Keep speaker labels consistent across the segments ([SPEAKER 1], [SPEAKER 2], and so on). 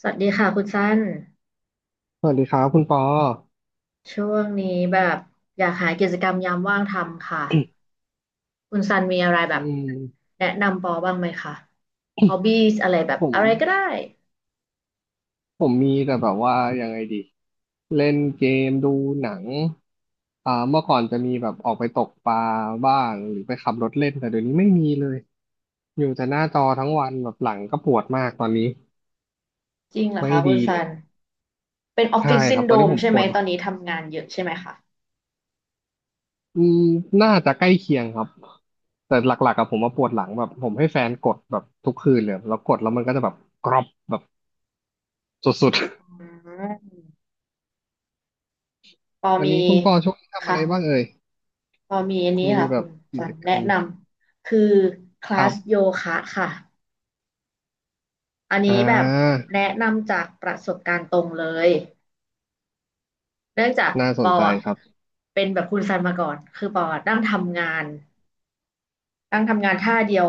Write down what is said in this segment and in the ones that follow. [SPEAKER 1] สวัสดีค่ะคุณสั้น
[SPEAKER 2] สวัสดีครับคุณปอ
[SPEAKER 1] ช่วงนี้แบบอยากหากิจกรรมยามว่างทำค่ะ คุณซันมีอะไรแบ
[SPEAKER 2] อื
[SPEAKER 1] บ
[SPEAKER 2] ม
[SPEAKER 1] แนะนำปอบ้างไหมคะฮอบบี้อะไรแบบ
[SPEAKER 2] ผม
[SPEAKER 1] อะไรก็ได้
[SPEAKER 2] ผมมีแต่แบบว่ายังไงดีเล่นเกมดูหนังเมื่อก่อนจะมีแบบออกไปตกปลาบ้างหรือไปขับรถเล่นแต่เดี๋ยวนี้ไม่มีเลยอยู่แต่หน้าจอทั้งวันแบบหลังก็ปวดมากตอนนี้
[SPEAKER 1] จริงเหรอ
[SPEAKER 2] ไม่
[SPEAKER 1] คะคุณ
[SPEAKER 2] ดีเล
[SPEAKER 1] ซัน
[SPEAKER 2] ย
[SPEAKER 1] เป็นออฟ
[SPEAKER 2] ใช่
[SPEAKER 1] ฟิศ
[SPEAKER 2] ค
[SPEAKER 1] ซิ
[SPEAKER 2] รั
[SPEAKER 1] น
[SPEAKER 2] บต
[SPEAKER 1] โด
[SPEAKER 2] อนนี้
[SPEAKER 1] ม
[SPEAKER 2] ผม
[SPEAKER 1] ใช่
[SPEAKER 2] ป
[SPEAKER 1] ไหม
[SPEAKER 2] วด
[SPEAKER 1] ตอนนี้ทำงานเยอะใช่ไหมคะ
[SPEAKER 2] อืมน่าจะใกล้เคียงครับแต่หลักๆกับผมมาปวดหลังแบบผมให้แฟนกดแบบทุกคืนเลยแล้วกดแล้วมันก็จะแบบกรอบแบบสุด
[SPEAKER 1] อืมปอ
[SPEAKER 2] ๆอัน
[SPEAKER 1] มี
[SPEAKER 2] นี้คุณปอช่วงนี้ทำอะ
[SPEAKER 1] ค่ะ
[SPEAKER 2] ไรบ้างเอ่ย
[SPEAKER 1] ปอมีอันนี้
[SPEAKER 2] มี
[SPEAKER 1] ค่ะ
[SPEAKER 2] แบ
[SPEAKER 1] คุ
[SPEAKER 2] บ
[SPEAKER 1] ณ
[SPEAKER 2] กิ
[SPEAKER 1] ซั
[SPEAKER 2] จ
[SPEAKER 1] น
[SPEAKER 2] กร
[SPEAKER 1] แนะ
[SPEAKER 2] รม
[SPEAKER 1] นำคือค
[SPEAKER 2] ค
[SPEAKER 1] ลา
[SPEAKER 2] รั
[SPEAKER 1] ส
[SPEAKER 2] บ
[SPEAKER 1] โยคะค่ะอัน
[SPEAKER 2] อ่
[SPEAKER 1] นี้แบบ
[SPEAKER 2] า
[SPEAKER 1] แนะนำจากประสบการณ์ตรงเลย เนื่องจาก
[SPEAKER 2] น่า
[SPEAKER 1] ป
[SPEAKER 2] สน
[SPEAKER 1] อ
[SPEAKER 2] ใจ
[SPEAKER 1] อ่ะ
[SPEAKER 2] ครับ
[SPEAKER 1] เป็นแบบคุณซันมาก่อน คือปออะนั่งทำงานนั่งทำงานท่าเดียว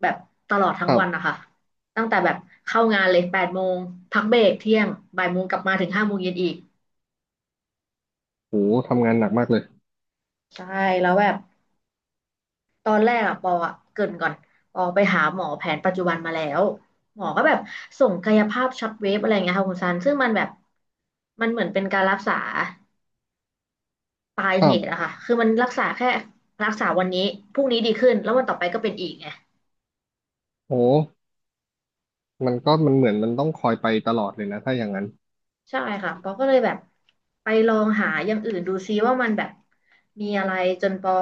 [SPEAKER 1] แบบตลอดทั้
[SPEAKER 2] ค
[SPEAKER 1] ง
[SPEAKER 2] รั
[SPEAKER 1] วันนะ
[SPEAKER 2] บ
[SPEAKER 1] คะ ตั้งแต่แบบเข้างานเลย8 โมง พักเบรกเที่ยงบ่าย 1 โมงกลับมาถึง5 โมงเย็นอีก
[SPEAKER 2] โหทำงานหนักมากเลย
[SPEAKER 1] ใช่แล้วแบบตอนแรกอะปออะเกริ่นก่อนปอไปหาหมอแผนปัจจุบันมาแล้ว หมอก็แบบส่งกายภาพช็อตเวฟอะไรเงี้ยค่ะคุณซัน ซึ่งมันแบบมันเหมือนเป็นการรักษาปลาย
[SPEAKER 2] ค
[SPEAKER 1] เห
[SPEAKER 2] รับ
[SPEAKER 1] ตุอะค่ะคือมันรักษาแค่รักษาวันนี้พรุ่งนี้ดีขึ้นแล้ววันต่อไปก็เป็นอีกไง
[SPEAKER 2] โหมันก็มันเหมือนมันต้องคอยไปตลอดเลยนะถ้าอย่างนั้น
[SPEAKER 1] ใช่ค่ะปอก็เลยแบบไปลองหาอย่างอื่นดูซิว่ามันแบบมีอะไรจนปอ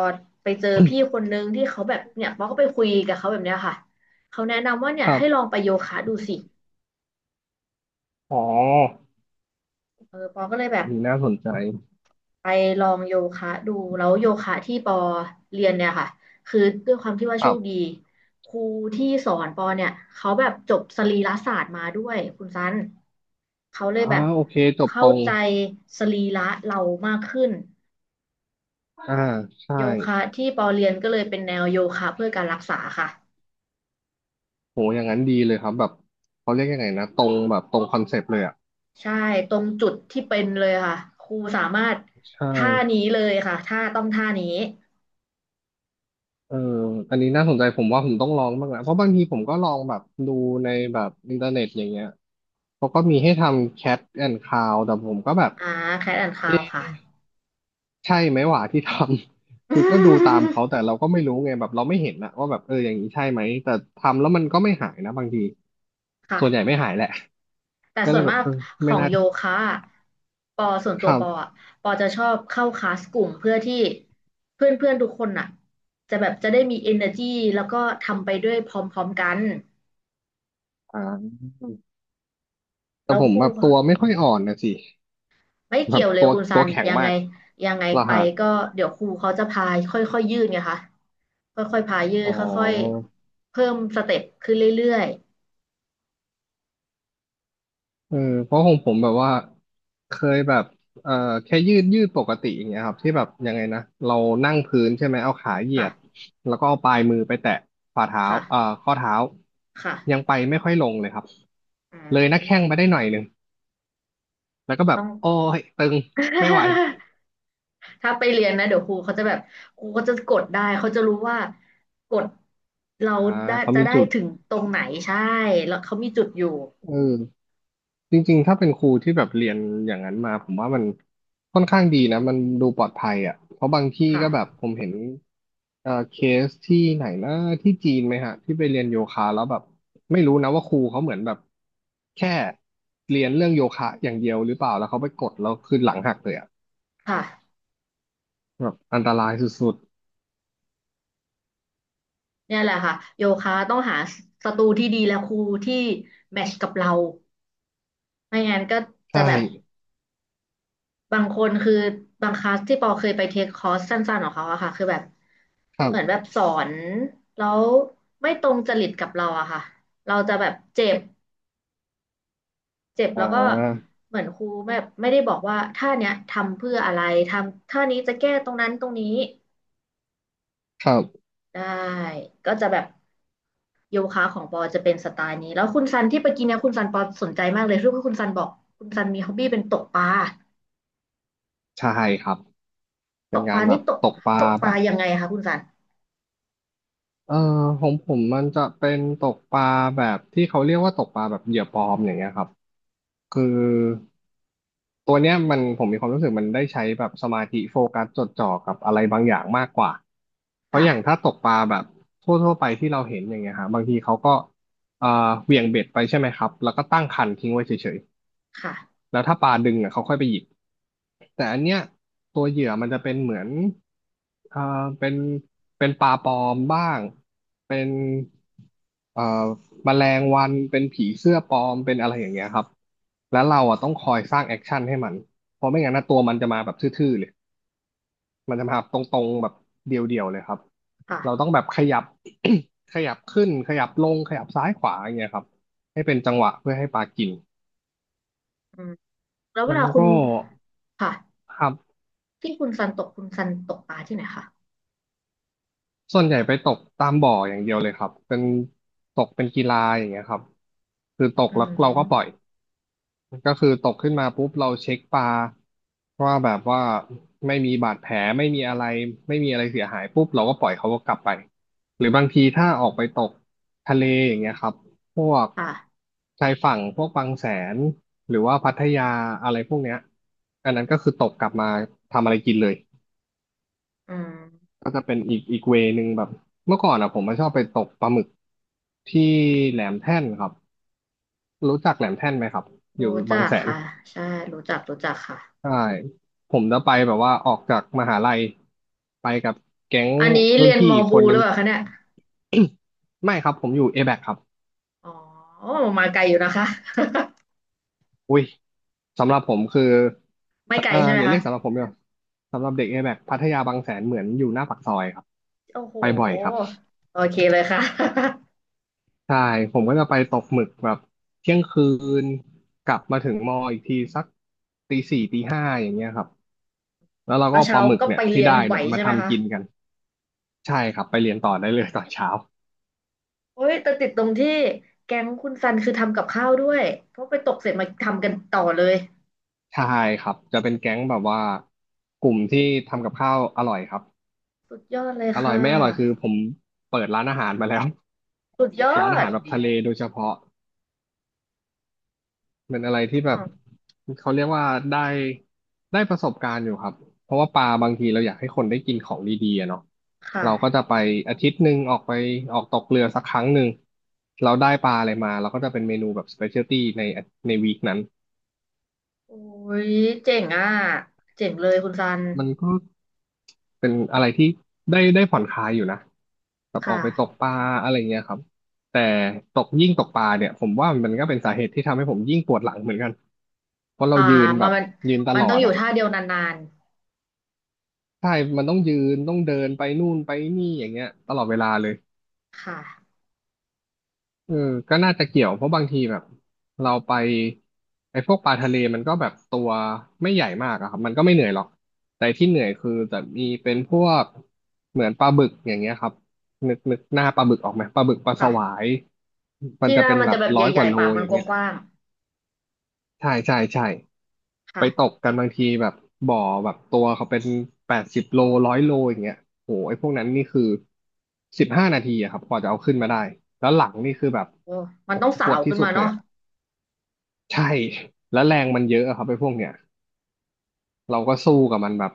[SPEAKER 1] ไปเจอพี่คนนึงที่เขาแบบเนี่ยปอก็ไปคุยกับเขาแบบเนี้ยค่ะเขาแนะนำว่าเนี่
[SPEAKER 2] ค
[SPEAKER 1] ย
[SPEAKER 2] รั
[SPEAKER 1] ให้ลอ
[SPEAKER 2] บ
[SPEAKER 1] งไปโยคะดูสิ
[SPEAKER 2] อ๋อ
[SPEAKER 1] เออปอก็เลยแบ
[SPEAKER 2] อั
[SPEAKER 1] บ
[SPEAKER 2] นนี้น่าสนใจ
[SPEAKER 1] ไปลองโยคะดูแล้วโยคะที่ปอเรียนเนี่ยค่ะคือด้วยความที่ว่า
[SPEAKER 2] ค
[SPEAKER 1] โช
[SPEAKER 2] รั
[SPEAKER 1] คดี
[SPEAKER 2] บ
[SPEAKER 1] ครูที่สอนปอเนี่ยเขาแบบจบสรีรศาสตร์มาด้วยคุณซันเขาเลย
[SPEAKER 2] อ่า
[SPEAKER 1] แบบ
[SPEAKER 2] โอเคจบต
[SPEAKER 1] เข้า
[SPEAKER 2] รง
[SPEAKER 1] ใจสรีระเรามากขึ้น
[SPEAKER 2] อ่าใช่
[SPEAKER 1] โยคะที่ปอเรียนก็เลยเป็นแนวโยคะเพื่อการรักษาค่ะ
[SPEAKER 2] โหอย่างนั้นดีเลยครับแบบเขาเรียกยังไงนะตรงแบบตรงคอนเซปต์เลยอ่ะ
[SPEAKER 1] ใช่ตรงจุดที่เป็นเลยค่ะครูสามารถ
[SPEAKER 2] ใช่
[SPEAKER 1] ท่านี้เลยค่ะท่าต้องท่านี้
[SPEAKER 2] เอออันนี้น่าสนใจผมว่าผมต้องลองบ้างนะเพราะบางทีผมก็ลองแบบดูในแบบอินเทอร์เน็ตอย่างเงี้ย เขาก็มีให้ทำ Cat and Cow แต่ผมก็แบบ
[SPEAKER 1] อ่าแคทแอนด์คาวค่ะ
[SPEAKER 2] ใช่ไหมหว่าที่ทำ คือก็ดูตามเขาแต่เราก็ไม่รู้ไงแบบเราไม่เห็นนะว่าแบบเอออย่างนี้ใช่ไหมแต่ทำแล้วมันก็ไม่หายนะบางที
[SPEAKER 1] ค่ะ
[SPEAKER 2] ส่วนใหญ่ไม่หายแหละ
[SPEAKER 1] แต่
[SPEAKER 2] ก็
[SPEAKER 1] ส่
[SPEAKER 2] เล
[SPEAKER 1] ว
[SPEAKER 2] ย
[SPEAKER 1] น
[SPEAKER 2] แบ
[SPEAKER 1] มา
[SPEAKER 2] บ
[SPEAKER 1] ก
[SPEAKER 2] เออ
[SPEAKER 1] ข
[SPEAKER 2] ไม่
[SPEAKER 1] อง
[SPEAKER 2] น่า
[SPEAKER 1] โยคะอะปอส่วนตัว
[SPEAKER 2] ทำ
[SPEAKER 1] ปออะปอจะชอบเข้าคลาสกลุ่มเพื่อที่เพื่อนเพื่อนทุกคนอ่ะจะแบบจะได้มี energy แล้วก็ทำไปด้วยพร้อมๆกัน
[SPEAKER 2] อ่าแต่
[SPEAKER 1] แล้ว
[SPEAKER 2] ผ
[SPEAKER 1] ค
[SPEAKER 2] ม
[SPEAKER 1] รู
[SPEAKER 2] แบบตัวไม่ค่อยอ่อนนะสิ
[SPEAKER 1] ไม่
[SPEAKER 2] แบ
[SPEAKER 1] เกี่ย
[SPEAKER 2] บ
[SPEAKER 1] วเลย
[SPEAKER 2] ตัว
[SPEAKER 1] คุณซั
[SPEAKER 2] ตัว
[SPEAKER 1] น
[SPEAKER 2] แข็ง
[SPEAKER 1] ยัง
[SPEAKER 2] มา
[SPEAKER 1] ไง
[SPEAKER 2] ก
[SPEAKER 1] ยังไง
[SPEAKER 2] เหรอ
[SPEAKER 1] ไป
[SPEAKER 2] ฮะ
[SPEAKER 1] ก็เดี๋ยวครูเขาจะพาค่อยๆยืดไงคะค่อยๆพายืด
[SPEAKER 2] อ๋อ
[SPEAKER 1] ค่อยๆเพิ่มสเต็ปขึ้นเรื่อย
[SPEAKER 2] เออเพราะของผมแบบว่าเคยแบบเอ่อแค่ยืดปกติอย่างเงี้ยครับที่แบบยังไงนะเรานั่งพื้นใช่ไหมเอาขาเห
[SPEAKER 1] ๆ
[SPEAKER 2] ยีย
[SPEAKER 1] ค่ะ
[SPEAKER 2] ดแล้วก็เอาปลายมือไปแตะฝ่าเท้า
[SPEAKER 1] ค่ะ
[SPEAKER 2] ข้อเท้า
[SPEAKER 1] ค่ะ
[SPEAKER 2] ยังไปไม่ค่อยลงเลยครับ
[SPEAKER 1] อ่
[SPEAKER 2] เลยหน้าแข้
[SPEAKER 1] า
[SPEAKER 2] งไปได้หน่อยหนึ่งแล้วก็แบ
[SPEAKER 1] ต้
[SPEAKER 2] บ
[SPEAKER 1] อง
[SPEAKER 2] โอ้ยตึงไม่ไหว
[SPEAKER 1] ถ้าไปเรียนนะเดี๋ยวครูเขาจะแบบครูเขาจะกดได้เขาจะรู้ว่ากดเรา
[SPEAKER 2] อ่า
[SPEAKER 1] ได้
[SPEAKER 2] เขา
[SPEAKER 1] จะ
[SPEAKER 2] มี
[SPEAKER 1] ได้
[SPEAKER 2] จุด
[SPEAKER 1] ถึงตรงไหนใช่แล้วเขามีจุดอยู่
[SPEAKER 2] เออ จริงๆถ้าเป็นครูที่แบบเรียนอย่างนั้นมาผมว่ามันค่อนข้างดีนะมันดูปลอดภัยอ่ะเพราะบางที่ก็แบบ
[SPEAKER 1] ค่ะ
[SPEAKER 2] ผมเห็นเคสที่ไหนนะที่จีนไหมฮะที่ไปเรียนโยคะแล้วแบบไม่รู้นะว่าครูเขาเหมือนแบบแค่เรียนเรื่องโยคะอย่างเดียวหรือเปล่าแล้วเขาไปกดแล้วคือหลังหักเลยอ่ะ
[SPEAKER 1] ค่ะ
[SPEAKER 2] แบบอันตรายสุด
[SPEAKER 1] เนี่ยแหละค่ะโยคะต้องหาสตูที่ดีและครูที่แมทช์กับเรา ไม่งั้นก็
[SPEAKER 2] ๆ
[SPEAKER 1] จะ
[SPEAKER 2] ใช่
[SPEAKER 1] แบบบางคนคือบางคลาสที่ปอเคยไปเทคคอร์สสั้นๆของเขาอะค่ะคือแบบ
[SPEAKER 2] ครั
[SPEAKER 1] เหมือนแบบ
[SPEAKER 2] บ
[SPEAKER 1] สอนแล้วไม่ตรงจริตกับเราอะค่ะเราจะแบบเจ็บเจ็บ
[SPEAKER 2] อ่
[SPEAKER 1] แล้วก็
[SPEAKER 2] า
[SPEAKER 1] เหมือนครูแบบไม่ได้บอกว่าท่าเนี้ยทำเพื่ออะไรทำท่านี้จะแก้ตรงนั้นตรงนี้
[SPEAKER 2] ครับ
[SPEAKER 1] ได้ก็จะแบบโยคะของปอจะเป็นสไตล์นี้แล้วคุณซันที่ไปกินเนี่ยคุณซันปอสนใจมากเลยรู้ว่าคุณซันบอกคุณซันมีฮ็อบบี้เป็นตกปลา
[SPEAKER 2] ใช่ครับเป็
[SPEAKER 1] ต
[SPEAKER 2] น
[SPEAKER 1] กป
[SPEAKER 2] กา
[SPEAKER 1] ลา
[SPEAKER 2] รแบ
[SPEAKER 1] นี่
[SPEAKER 2] บ
[SPEAKER 1] ตก
[SPEAKER 2] ตกปลา
[SPEAKER 1] ตกป
[SPEAKER 2] แบ
[SPEAKER 1] ลา
[SPEAKER 2] บ
[SPEAKER 1] ยังไงคะคุณซัน
[SPEAKER 2] เออของผมมันจะเป็นตกปลาแบบที่เขาเรียกว่าตกปลาแบบเหยื่อปลอมอย่างเงี้ยครับคือตัวเนี้ยมันผมมีความรู้สึกมันได้ใช้แบบสมาธิโฟกัสจดจ่อกับอะไรบางอย่างมากกว่าเพราะอย่างถ้า
[SPEAKER 1] ค่ะ
[SPEAKER 2] ตกปลาแบบทั่วๆไปที่เราเห็นอย่างเงี้ยฮะบางทีเขาก็เอ่อเหวี่ยงเบ็ดไปใช่ไหมครับแล้วก็ตั้งคันทิ้งไว้เฉย
[SPEAKER 1] ค่ะ
[SPEAKER 2] ๆแล้วถ้าปลาดึงอ่ะเขาค่อยไปหยิบ แต่อันเนี้ยตัวเหยื่อมันจะเป็นเหมือนเอ่อเป็นเป็นปลาปลอมบ้างเป็นเอ่อแมลงวันเป็นผีเสื้อปลอมเป็นอะไรอย่างเงี้ยครับแล้วเราอ่ะต้องคอยสร้างแอคชั่นให้มันเพราะไม่งั้นนะตัวมันจะมาแบบทื่อๆเลยมันจะมาแบบตรงๆแบบเดียวๆเลยครับ
[SPEAKER 1] ค่ะ
[SPEAKER 2] เราต้องแบบขยับ ขยับขึ้นขยับลงขยับซ้ายขวาอย่างเงี้ยครับให้เป็นจังหวะเพื่อให้ปลากิน
[SPEAKER 1] อืมแล้วเว
[SPEAKER 2] มัน
[SPEAKER 1] ลาคุ
[SPEAKER 2] ก็
[SPEAKER 1] ณค่ะ
[SPEAKER 2] ครับ
[SPEAKER 1] ที่คุณซันตกคุณซันตกปลาที่ไหนคะ
[SPEAKER 2] ส่วนใหญ่ไปตกตามบ่ออย่างเดียวเลยครับเป็นตกเป็นกีฬาอย่างเงี้ยครับคือตก
[SPEAKER 1] อื
[SPEAKER 2] แล้วเราก็ปล่อย
[SPEAKER 1] ม
[SPEAKER 2] ก็คือตกขึ้นมาปุ๊บเราเช็คปลาว่าแบบว่าไม่มีบาดแผลไม่มีอะไรไม่มีอะไรเสียหายปุ๊บเราก็ปล่อยเขาก็กลับไปหรือบางทีถ้าออกไปตกทะเลอย่างเงี้ยครับพวก
[SPEAKER 1] ค่ะ
[SPEAKER 2] ชายฝั่งพวกบางแสนหรือว่าพัทยาอะไรพวกเนี้ยอันนั้นก็คือตกกลับมาทำอะไรกินเลย
[SPEAKER 1] อืม
[SPEAKER 2] ก็จะเป็นอีกเวนึงแบบเมื่อก่อนอ่ะผมมาชอบไปตกปลาหมึกที่แหลมแท่นครับรู้จักแหลมแท่นไหมครับอยู่
[SPEAKER 1] รู้จั
[SPEAKER 2] บาง
[SPEAKER 1] ก
[SPEAKER 2] แสน
[SPEAKER 1] ค่ะใช่ รู้จักค่ะ
[SPEAKER 2] ใช่ผมจะไปแบบว่าออกจากมหาลัยไปกับแก๊ง
[SPEAKER 1] อันนี้
[SPEAKER 2] รุ่
[SPEAKER 1] เรี
[SPEAKER 2] น
[SPEAKER 1] ยน
[SPEAKER 2] พี่
[SPEAKER 1] มอ
[SPEAKER 2] อีกค
[SPEAKER 1] บู
[SPEAKER 2] น
[SPEAKER 1] ห
[SPEAKER 2] นึ
[SPEAKER 1] รือ
[SPEAKER 2] ง
[SPEAKER 1] เปล่าคะเนี่ย
[SPEAKER 2] ไม่ครับผมอยู่ A-BAC คครับ
[SPEAKER 1] อ๋อมาไกลอยู่นะคะ
[SPEAKER 2] อุ้ยสำหรับผมคือ
[SPEAKER 1] ไม่ไกลใช่ไหม
[SPEAKER 2] อย่าเรี
[SPEAKER 1] คะ
[SPEAKER 2] ยกสำหรับผมเลยสำหรับเด็ก A-BAC พัทยาบางแสนเหมือนอยู่หน้าปากซอยครับ
[SPEAKER 1] โอ้โห
[SPEAKER 2] ไปบ่อยครับ
[SPEAKER 1] โอเคเลยค่ะ
[SPEAKER 2] ใช่ผมก็จะไปตกหมึกแบบเที่ยงคืนกลับมาถึงมออีกทีสักตีสี่ตีห้าอย่างเงี้ยครับแล้วเรา ก็
[SPEAKER 1] แล้ว
[SPEAKER 2] เอาป
[SPEAKER 1] เช้า
[SPEAKER 2] ลาหมึก
[SPEAKER 1] ก็
[SPEAKER 2] เนี่
[SPEAKER 1] ไป
[SPEAKER 2] ยที่
[SPEAKER 1] เรียน
[SPEAKER 2] ได้
[SPEAKER 1] ไหว
[SPEAKER 2] เนี่ยมา
[SPEAKER 1] ใช่ไหม
[SPEAKER 2] ทำ
[SPEAKER 1] คะ
[SPEAKER 2] กินกันใช่ครับไปเรียนต่อได้เลยตอนเช้า
[SPEAKER 1] โอ้ยแต่ติดตรงที่แก๊งคุณซันคือทำกับข้าวด้วยเพราะไปตกเสร็จมาทำกันต่อเลย
[SPEAKER 2] ใช่ครับจะเป็นแก๊งแบบว่ากลุ่มที่ทำกับข้าวอร่อยครับ
[SPEAKER 1] สุดยอดเลย
[SPEAKER 2] อร่อ
[SPEAKER 1] ค่
[SPEAKER 2] ยไม่อร่อยคือ
[SPEAKER 1] ะ
[SPEAKER 2] ผมเปิดร้านอาหารมาแล้ว
[SPEAKER 1] สุดยอ
[SPEAKER 2] ร้านอา
[SPEAKER 1] ด
[SPEAKER 2] หาร
[SPEAKER 1] ค
[SPEAKER 2] แบ
[SPEAKER 1] น
[SPEAKER 2] บ
[SPEAKER 1] เดี
[SPEAKER 2] ทะ
[SPEAKER 1] ยว
[SPEAKER 2] เลโดยเฉพาะ เป็นอะไร
[SPEAKER 1] อื
[SPEAKER 2] ที่แบบ
[SPEAKER 1] ม
[SPEAKER 2] เขาเรียกว่าได้ได้ประสบการณ์อยู่ครับเพราะว่าปลาบางทีเราอยากให้คนได้กินของดีๆอะเนาะ
[SPEAKER 1] ค
[SPEAKER 2] เราก็จะ
[SPEAKER 1] ่ะ
[SPEAKER 2] ไปอาทิตย์หนึ่งออกไปออกตกเรือสักครั้งหนึ่งเราได้ปลาอะไรมาเราก็จะเป็นเมนูแบบสเปเชียลตี้ในวีคนั้น
[SPEAKER 1] โอ้ยเจ๋งอ่ะเจ๋งเลยคุณซัน
[SPEAKER 2] มันก็เป็นอะไรที่ได้ผ่อนคลายอยู่นะแบบอ
[SPEAKER 1] ค่ะ
[SPEAKER 2] อกไปตกปลาอะไรเงี้ยครับแต่ตกยิ่งตกปลาเนี่ยผมว่ามันก็เป็นสาเหตุที่ทำให้ผมยิ่งปวดหลังเหมือนกันเพราะเรา
[SPEAKER 1] อ่า
[SPEAKER 2] ยืนแบ
[SPEAKER 1] มัน
[SPEAKER 2] บ
[SPEAKER 1] มัน
[SPEAKER 2] ยืนต
[SPEAKER 1] มัน
[SPEAKER 2] ลอ
[SPEAKER 1] ต้อง
[SPEAKER 2] ด
[SPEAKER 1] อยู่
[SPEAKER 2] อะ
[SPEAKER 1] ท่าเดียวนาน
[SPEAKER 2] ใช่มันต้องยืนต้องเดินไปนู่นไปนี่อย่างเงี้ยตลอดเวลาเลย
[SPEAKER 1] ๆค่ะ
[SPEAKER 2] เออก็น่าจะเกี่ยวเพราะบางทีแบบเราไปไอ้พวกปลาทะเลมันก็แบบตัวไม่ใหญ่มากอะครับมันก็ไม่เหนื่อยหรอก แต่ที่เหนื่อยคือจะมีเป็นพวกเหมือนปลาบึกอย่างเงี้ยครับนึกหน้าปลาบึกออกไหมปลาบึกปลาสวา
[SPEAKER 1] ค่ะ
[SPEAKER 2] ยมัน
[SPEAKER 1] ที่
[SPEAKER 2] จะ
[SPEAKER 1] แรก
[SPEAKER 2] เป็น
[SPEAKER 1] มัน
[SPEAKER 2] แบ
[SPEAKER 1] จะ
[SPEAKER 2] บ
[SPEAKER 1] แบบให
[SPEAKER 2] ร้อยก
[SPEAKER 1] ญ่
[SPEAKER 2] ว่าโล
[SPEAKER 1] ๆปากมั
[SPEAKER 2] อ
[SPEAKER 1] น
[SPEAKER 2] ย่าง
[SPEAKER 1] ก
[SPEAKER 2] เงี้ย
[SPEAKER 1] ว้าง
[SPEAKER 2] ใช่ใช่ใช่
[SPEAKER 1] ๆ
[SPEAKER 2] ไป
[SPEAKER 1] ค่ะ
[SPEAKER 2] ตบกันบางทีแบบบ่อแบบตัวเขาเป็น80 โล100 โลอย่างเงี้ยโหไอ้พวกนั้นนี่คือ15 นาทีอะครับกว่าจะเอาขึ้นมาได้แล้วหลังนี่คือแบบ
[SPEAKER 1] โอ้มัน
[SPEAKER 2] โอ้
[SPEAKER 1] ต้อ
[SPEAKER 2] โห
[SPEAKER 1] ง
[SPEAKER 2] ป
[SPEAKER 1] สา
[SPEAKER 2] ว
[SPEAKER 1] ว
[SPEAKER 2] ดที่
[SPEAKER 1] ขึ้น
[SPEAKER 2] สุ
[SPEAKER 1] มา
[SPEAKER 2] ดเลย
[SPEAKER 1] เนาะ
[SPEAKER 2] อะใช่แล้วแรงมันเยอะอะครับไอ้พวกเนี้ยเราก็สู้กับมันแบบ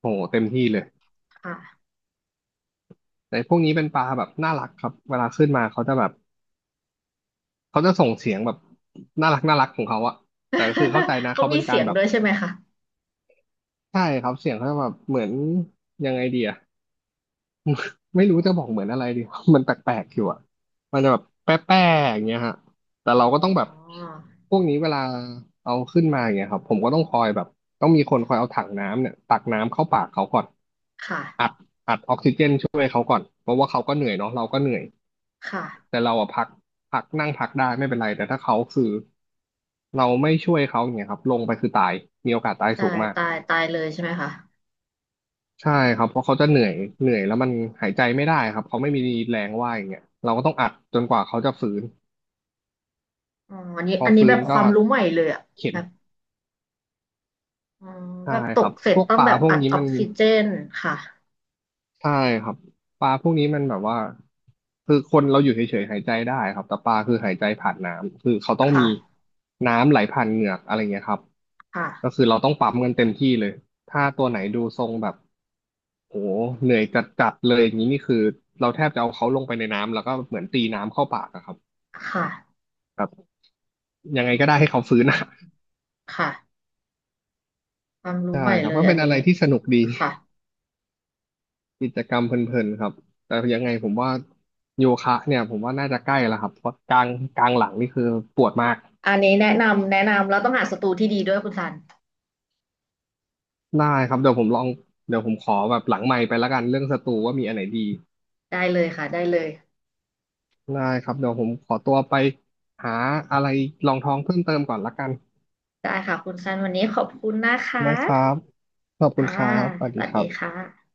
[SPEAKER 2] โหเต็มที่เลย
[SPEAKER 1] ค่ะ
[SPEAKER 2] แต่พวกนี้เป็นปลาแบบน่ารักครับเวลาขึ้นมาเขาจะแบบเขาจะส่งเสียงแบบน่ารักน่ารักของเขาอะแต่ก็คือเข้าใจ นะ
[SPEAKER 1] เขา
[SPEAKER 2] เขา
[SPEAKER 1] มี
[SPEAKER 2] เป็นกา
[SPEAKER 1] เสี
[SPEAKER 2] ร
[SPEAKER 1] ยง
[SPEAKER 2] แบบ
[SPEAKER 1] ด้วยใช่ไหมคะ
[SPEAKER 2] ใช่ครับเสียงเขาจะแบบเหมือนยังไงดีอะ ไม่รู้จะบอกเหมือนอะไรดี มันแปลกๆอยู่อ่ะมันจะแบบแป๊ะๆอย่างเงี้ยฮะแต่
[SPEAKER 1] อ๋
[SPEAKER 2] เราก็ต้องแบบ
[SPEAKER 1] อ
[SPEAKER 2] พวกนี้เวลาเอาขึ้นมาอย่างเงี้ยครับ ผมก็ต้องคอยแบบ ต้องมีคนคอยเอาถังน้ำเนี่ยตักน้ำเข้าปากเขาก่อน
[SPEAKER 1] ค่ะ
[SPEAKER 2] อัดอัดออกซิเจนช่วยเขาก่อน เพราะว่าเขาก็เหนื่อยเนาะเราก็เหนื่อย แต่
[SPEAKER 1] ค่ะ
[SPEAKER 2] เราอะพักนั่งพักได้ไม่เป็นไร แต่ถ้าเขาคือเราไม่ช่วยเขาอย่างเงี้ยครับลงไปคือตายมีโอกาสตาย
[SPEAKER 1] ใช่
[SPEAKER 2] สูงมาก
[SPEAKER 1] ตายตายเลยใช่ไหมคะ
[SPEAKER 2] ใช่ครับเพราะเขาจะเหนื่อยแล้วมันหายใจไม่ได้ครับเขาไม่มีแรงว่ายอย่างเงี้ยเราก็ต้องอัดจนกว่าเขาจะฟื้น
[SPEAKER 1] อ๋ออันนี้
[SPEAKER 2] พอ
[SPEAKER 1] อันนี้แบ
[SPEAKER 2] ฟื้น
[SPEAKER 1] บค
[SPEAKER 2] ก็
[SPEAKER 1] วามรู้ใหม่เลยอะ
[SPEAKER 2] เข็น
[SPEAKER 1] แบบอ๋อ
[SPEAKER 2] ใช่
[SPEAKER 1] แบบต
[SPEAKER 2] ครั
[SPEAKER 1] ก
[SPEAKER 2] บ
[SPEAKER 1] เสร็
[SPEAKER 2] พ
[SPEAKER 1] จ
[SPEAKER 2] วก
[SPEAKER 1] ต้อ
[SPEAKER 2] ป
[SPEAKER 1] ง
[SPEAKER 2] ลา
[SPEAKER 1] แบบ
[SPEAKER 2] พวก
[SPEAKER 1] อัด
[SPEAKER 2] นี้
[SPEAKER 1] ออ
[SPEAKER 2] มั
[SPEAKER 1] ก
[SPEAKER 2] น
[SPEAKER 1] ซิเจนค่ะ
[SPEAKER 2] ใช่ครับปลาพวกนี้มันแบบว่าคือคนเราอยู่เฉยๆหายใจได้ครับแต่ปลาคือหายใจผ่านน้ำคือเขาต้อง
[SPEAKER 1] ค่ะ
[SPEAKER 2] มีน้ำไหลผ่านเหงือกอะไรเงี้ยครับก็
[SPEAKER 1] ค่ะ
[SPEAKER 2] คือเราต้องปั๊มกันเต็มที่เลยถ้าตัวไหนดูทรงแบบโหเหนื่อยจัดๆเลยอย่างนี้นี่คือเราแทบจะเอาเขาลงไปในน้ำแล้วก็เหมือนตีน้ำเข้าปากอะครับ
[SPEAKER 1] ค่ะ
[SPEAKER 2] ยังไง
[SPEAKER 1] อื
[SPEAKER 2] ก็
[SPEAKER 1] ม
[SPEAKER 2] ได้ให้เขาฟื้นอะ
[SPEAKER 1] ค่ะความ รู้
[SPEAKER 2] ใช่
[SPEAKER 1] ใหม่
[SPEAKER 2] ครั
[SPEAKER 1] เล
[SPEAKER 2] บ
[SPEAKER 1] ย
[SPEAKER 2] ก็
[SPEAKER 1] อั
[SPEAKER 2] เป็
[SPEAKER 1] น
[SPEAKER 2] น
[SPEAKER 1] นี้
[SPEAKER 2] อะไรที่สนุกดี
[SPEAKER 1] ค่ะ
[SPEAKER 2] กิจกรรมเพลินๆครับแต่ยังไงผมว่าโยคะเนี่ยผมว่าน่าจะใกล้แล้วครับเพราะกลางหลังนี่คือปวดมาก
[SPEAKER 1] อันนี้แนะนำแนะนำเราต้องหาศัตรูที่ดีด้วยคุณซัน
[SPEAKER 2] ได้ครับเดี๋ยวผมลองเดี๋ยวผมขอแบบหลังไมค์ไปแล้วกันเรื่องสตูว่ามีอันไหนดี
[SPEAKER 1] ได้เลยค่ะได้เลย
[SPEAKER 2] ได้ครับเดี๋ยวผมขอตัวไปหาอะไรรองท้องเพิ่มเติมก่อนละกัน
[SPEAKER 1] ได้ค่ะคุณซันวันนี้ขอบคุณนะคะ
[SPEAKER 2] นะครับขอบคุณ
[SPEAKER 1] ค่ะ
[SPEAKER 2] ครับสวัส
[SPEAKER 1] ส
[SPEAKER 2] ดี
[SPEAKER 1] วัส
[SPEAKER 2] ค
[SPEAKER 1] ดี
[SPEAKER 2] รับ
[SPEAKER 1] ค่ะ